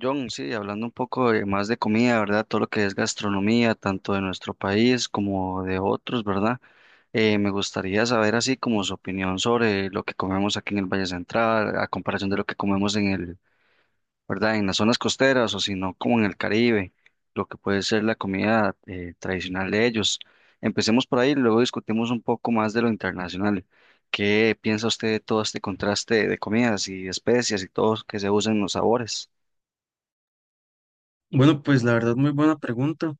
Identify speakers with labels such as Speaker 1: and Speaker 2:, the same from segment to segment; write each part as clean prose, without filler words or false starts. Speaker 1: John, sí, hablando un poco más de comida, ¿verdad? Todo lo que es gastronomía, tanto de nuestro país como de otros, ¿verdad? Me gustaría saber así como su opinión sobre lo que comemos aquí en el Valle Central, a comparación de lo que comemos en el, ¿verdad? En las zonas costeras o si no, como en el Caribe, lo que puede ser la comida tradicional de ellos. Empecemos por ahí, luego discutimos un poco más de lo internacional. ¿Qué piensa usted de todo este contraste de comidas y especias y todo que se usan en los sabores?
Speaker 2: Bueno, pues la verdad, muy buena pregunta.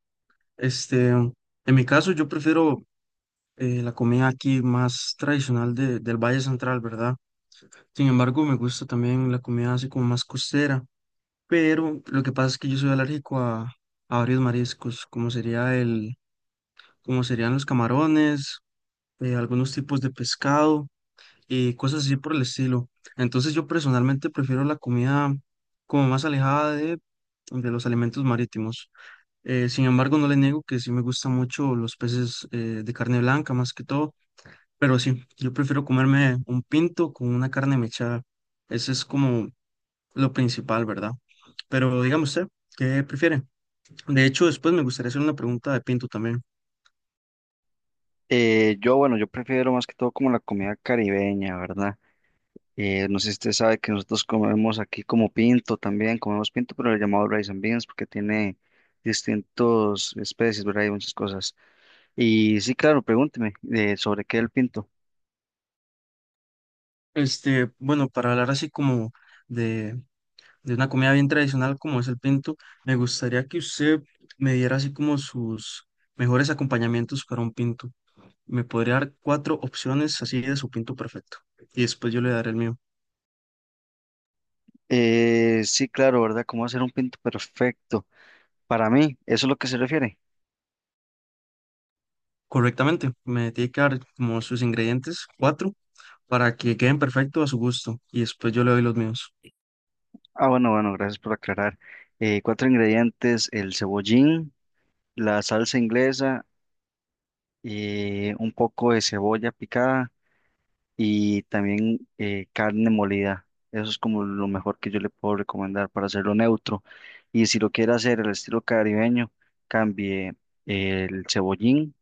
Speaker 2: Este, en mi caso, yo prefiero la comida aquí más tradicional del Valle Central, ¿verdad? Sin embargo, me gusta también la comida así como más costera, pero lo que pasa es que yo soy alérgico a varios mariscos, como sería como serían los camarones, algunos tipos de pescado y cosas así por el estilo. Entonces, yo personalmente prefiero la comida como más alejada de los alimentos marítimos. Sin embargo, no le niego que sí me gustan mucho los peces de carne blanca, más que todo, pero sí, yo prefiero comerme un pinto con una carne mechada. Ese es como lo principal, ¿verdad? Pero dígame usted, ¿qué prefiere? De hecho, después me gustaría hacer una pregunta de pinto también.
Speaker 1: Yo, bueno, yo prefiero más que todo como la comida caribeña, ¿verdad? No sé si usted sabe que nosotros comemos aquí como pinto también, comemos pinto, pero le llamamos rice and beans porque tiene distintos especies, ¿verdad? Y muchas cosas. Y sí, claro, pregúnteme sobre qué es el pinto.
Speaker 2: Este, bueno, para hablar así como de, de una comida bien tradicional como es el pinto, me gustaría que usted me diera así como sus mejores acompañamientos para un pinto. Me podría dar cuatro opciones así de su pinto perfecto. Y después yo le daré el mío.
Speaker 1: Sí, claro, ¿verdad? ¿Cómo hacer un pinto perfecto? Para mí, ¿eso es lo que se refiere?
Speaker 2: Correctamente, me tiene que dar como sus ingredientes, cuatro, para que queden perfectos a su gusto. Y después yo le doy los míos.
Speaker 1: Ah, bueno, bueno, gracias por aclarar. Cuatro ingredientes, el cebollín, la salsa inglesa, un poco de cebolla picada y también carne molida. Eso es como lo mejor que yo le puedo recomendar para hacerlo neutro. Y si lo quiere hacer el estilo caribeño, cambie el cebollín,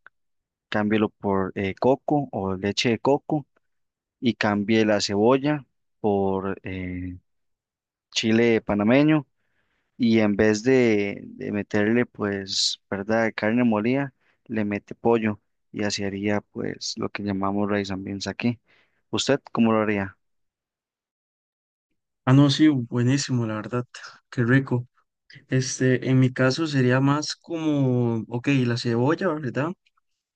Speaker 1: cámbielo por coco o leche de coco y cambie la cebolla por chile panameño. Y en vez de meterle, pues, ¿verdad? Carne molida, le mete pollo y así haría, pues, lo que llamamos raíz también aquí. ¿Usted cómo lo haría?
Speaker 2: Ah, no, sí, buenísimo, la verdad. Qué rico. Este, en mi caso sería más como, ok, la cebolla, ¿verdad?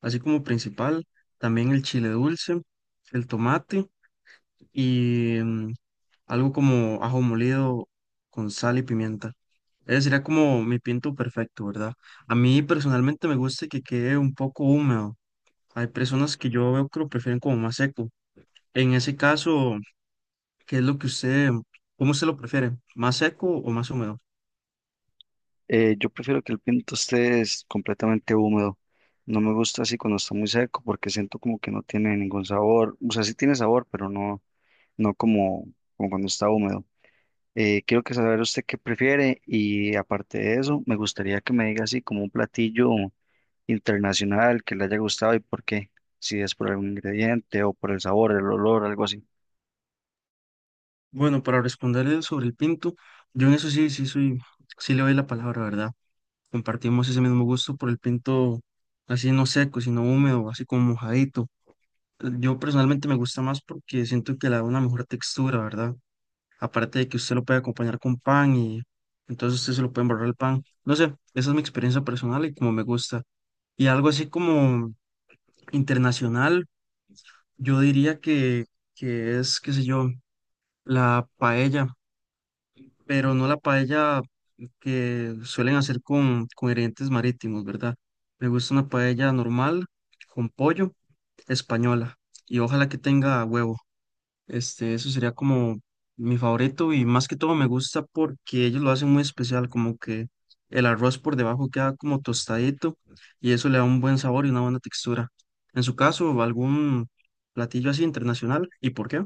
Speaker 2: Así como principal. También el chile dulce, el tomate y algo como ajo molido con sal y pimienta. Ese sería como mi pinto perfecto, ¿verdad? A mí personalmente me gusta que quede un poco húmedo. Hay personas que yo veo que lo prefieren como más seco. En ese caso, ¿qué es lo que usted, ¿cómo usted lo prefiere? ¿Más seco o más húmedo?
Speaker 1: Yo prefiero que el pinto esté es completamente húmedo. No me gusta así cuando está muy seco porque siento como que no tiene ningún sabor. O sea, sí tiene sabor, pero no, no como, como cuando está húmedo. Quiero que saber usted qué prefiere y aparte de eso, me gustaría que me diga así como un platillo internacional que le haya gustado y por qué. Si es por algún ingrediente o por el sabor, el olor, algo así.
Speaker 2: Bueno, para responderle sobre el pinto, yo en eso sí, sí le doy la palabra, ¿verdad? Compartimos ese mismo gusto por el pinto así no seco, sino húmedo, así como mojadito. Yo personalmente me gusta más porque siento que le da una mejor textura, ¿verdad? Aparte de que usted lo puede acompañar con pan y entonces usted se lo puede embarrar el pan. No sé, esa es mi experiencia personal y como me gusta. Y algo así como internacional, yo diría que es, qué sé yo, la paella, pero no la paella que suelen hacer con ingredientes marítimos, ¿verdad? Me gusta una paella normal con pollo española y ojalá que tenga huevo. Este, eso sería como mi favorito y más que todo me gusta porque ellos lo hacen muy especial, como que el arroz por debajo queda como tostadito y eso le da un buen sabor y una buena textura. En su caso, ¿algún platillo así internacional? ¿Y por qué?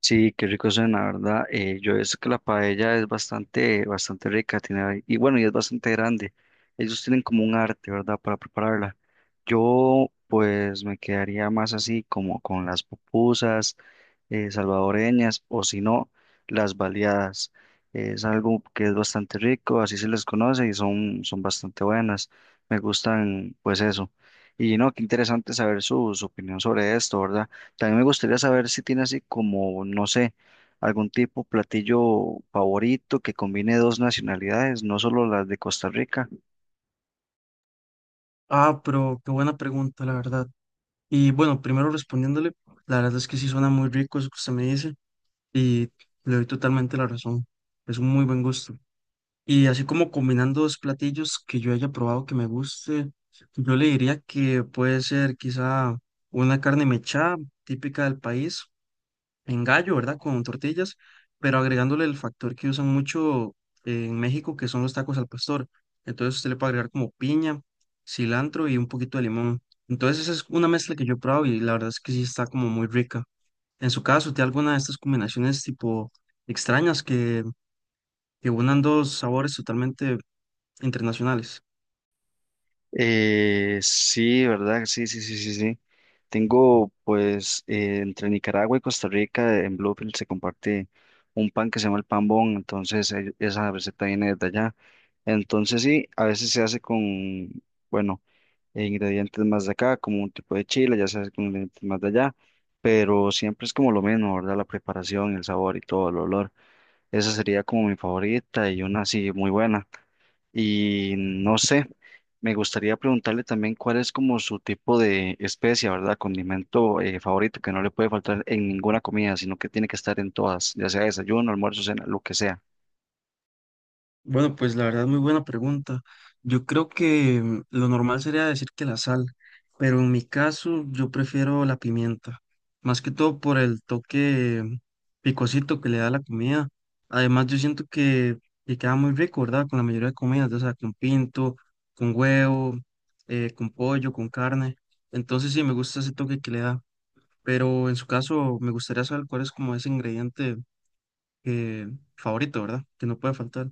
Speaker 1: Sí, qué rico suena, ¿verdad? Yo he visto que la paella es bastante rica, y bueno, y es bastante grande. Ellos tienen como un arte, ¿verdad? Para prepararla. Yo, pues, me quedaría más así como con las pupusas salvadoreñas o si no, las baleadas. Es algo que es bastante rico, así se les conoce y son, son bastante buenas. Me gustan, pues, eso. Y no, qué interesante saber su, su opinión sobre esto, ¿verdad? También me gustaría saber si tiene así como, no sé, algún tipo platillo favorito que combine dos nacionalidades, no solo las de Costa Rica.
Speaker 2: Ah, pero qué buena pregunta, la verdad. Y bueno, primero respondiéndole, la verdad es que sí suena muy rico eso que usted me dice y le doy totalmente la razón. Es un muy buen gusto. Y así como combinando dos platillos que yo haya probado que me guste, yo le diría que puede ser quizá una carne mechada típica del país, en gallo, ¿verdad? Con tortillas, pero agregándole el factor que usan mucho en México, que son los tacos al pastor. Entonces usted le puede agregar como piña, cilantro y un poquito de limón. Entonces esa es una mezcla que yo he probado y la verdad es que sí está como muy rica. En su caso, ¿tiene alguna de estas combinaciones tipo extrañas que unan dos sabores totalmente internacionales?
Speaker 1: Sí, ¿verdad? Sí, sí, sí, sí, sí. Tengo, pues, entre Nicaragua y Costa Rica, en Bluefield se comparte un pan que se llama el pan bon, entonces esa receta viene desde allá. Entonces sí, a veces se hace con, bueno, ingredientes más de acá, como un tipo de chile, ya se hace con ingredientes más de allá, pero siempre es como lo mismo, ¿verdad? La preparación, el sabor y todo, el olor. Esa sería como mi favorita y una así muy buena. Y no sé, me gustaría preguntarle también cuál es como su tipo de especie, ¿verdad? Condimento favorito que no le puede faltar en ninguna comida, sino que tiene que estar en todas, ya sea desayuno, almuerzo, cena, lo que sea.
Speaker 2: Bueno, pues la verdad, muy buena pregunta. Yo creo que lo normal sería decir que la sal, pero en mi caso yo prefiero la pimienta, más que todo por el toque picosito que le da la comida. Además, yo siento que queda muy rico, ¿verdad? Con la mayoría de comidas, o sea, con pinto, con huevo, con pollo, con carne. Entonces sí, me gusta ese toque que le da, pero en su caso me gustaría saber cuál es como ese ingrediente eh, favorito, ¿verdad? Que no puede faltar.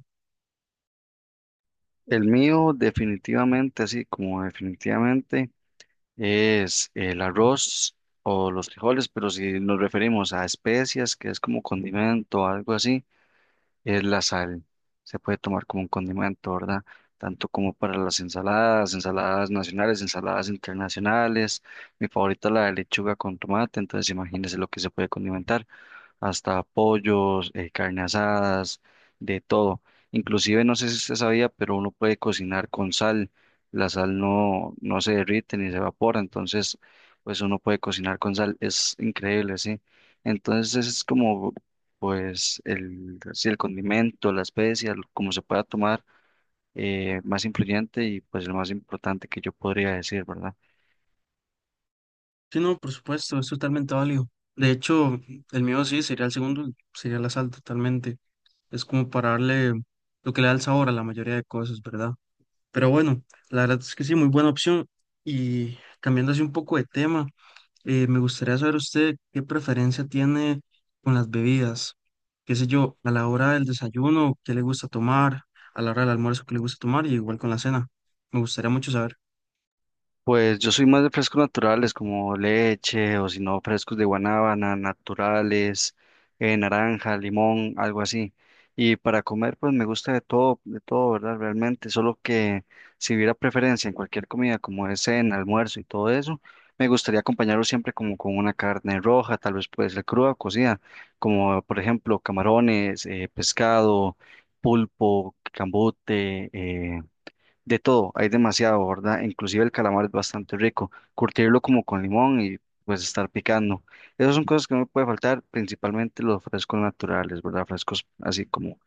Speaker 1: El mío definitivamente, así como definitivamente, es el arroz o los frijoles, pero si nos referimos a especias, que es como condimento o algo así. Es la sal. Se puede tomar como un condimento, ¿verdad? Tanto como para las ensaladas, ensaladas nacionales, ensaladas internacionales. Mi favorita es la de lechuga con tomate, entonces imagínese lo que se puede condimentar hasta pollos, carne asadas, de todo. Inclusive, no sé si usted sabía, pero uno puede cocinar con sal. La sal no, no se derrite ni se evapora, entonces, pues uno puede cocinar con sal. Es increíble, sí. Entonces, ese es como, pues, el, sí, el condimento, la especia, como se pueda tomar, más influyente y pues el más importante que yo podría decir, ¿verdad?
Speaker 2: Sí, no, por supuesto, es totalmente válido. De hecho, el mío sí sería el segundo, sería la sal totalmente. Es como para darle lo que le da el sabor a la mayoría de cosas, ¿verdad? Pero bueno, la verdad es que sí, muy buena opción. Y cambiando así un poco de tema, me gustaría saber usted qué preferencia tiene con las bebidas. Qué sé yo, a la hora del desayuno, qué le gusta tomar, a la hora del almuerzo, qué le gusta tomar, y igual con la cena. Me gustaría mucho saber.
Speaker 1: Pues yo soy más de frescos naturales como leche o si no frescos de guanábana, naturales, naranja, limón, algo así. Y para comer pues me gusta de todo, ¿verdad? Realmente, solo que si hubiera preferencia en cualquier comida como es cena, almuerzo y todo eso, me gustaría acompañarlo siempre como con una carne roja, tal vez puede ser cruda o cocida, como por ejemplo camarones, pescado, pulpo, cambute, de todo, hay demasiado, ¿verdad? Inclusive el calamar es bastante rico. Curtirlo como con limón y pues estar picando. Esas son cosas que no puede faltar, principalmente los frescos naturales, ¿verdad? Frescos así como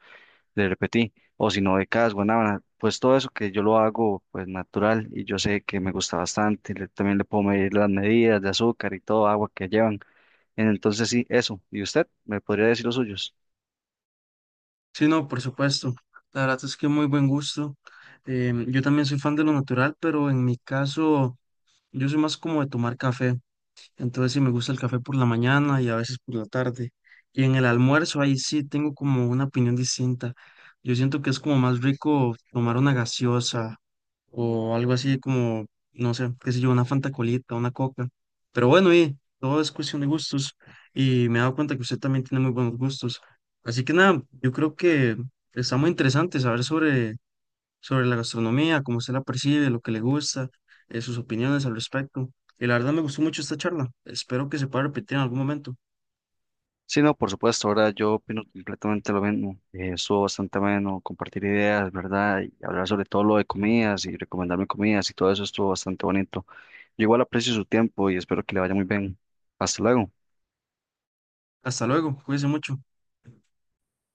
Speaker 1: le repetí, o si no, becas, guanábana, pues todo eso que yo lo hago pues natural y yo sé que me gusta bastante. También le puedo medir las medidas de azúcar y todo agua que llevan. Entonces sí, eso. ¿Y usted me podría decir los suyos?
Speaker 2: Sí, no, por supuesto. La verdad es que muy buen gusto. Yo también soy fan de lo natural, pero en mi caso, yo soy más como de tomar café. Entonces, sí me gusta el café por la mañana y a veces por la tarde. Y en el almuerzo, ahí sí tengo como una opinión distinta. Yo siento que es como más rico tomar una gaseosa o algo así como, no sé, qué sé yo, una Fanta Colita, una Coca. Pero bueno, y todo es cuestión de gustos y me he dado cuenta que usted también tiene muy buenos gustos. Así que nada, yo creo que está muy interesante saber sobre, sobre la gastronomía, cómo usted la percibe, lo que le gusta, sus opiniones al respecto. Y la verdad me gustó mucho esta charla. Espero que se pueda repetir en algún momento.
Speaker 1: Sí, no, por supuesto, ahora yo opino completamente lo mismo. Estuvo bastante bueno compartir ideas, ¿verdad? Y hablar sobre todo lo de comidas y recomendarme comidas y todo eso estuvo bastante bonito. Yo igual aprecio su tiempo y espero que le vaya muy bien. Hasta luego.
Speaker 2: Hasta luego, cuídense mucho.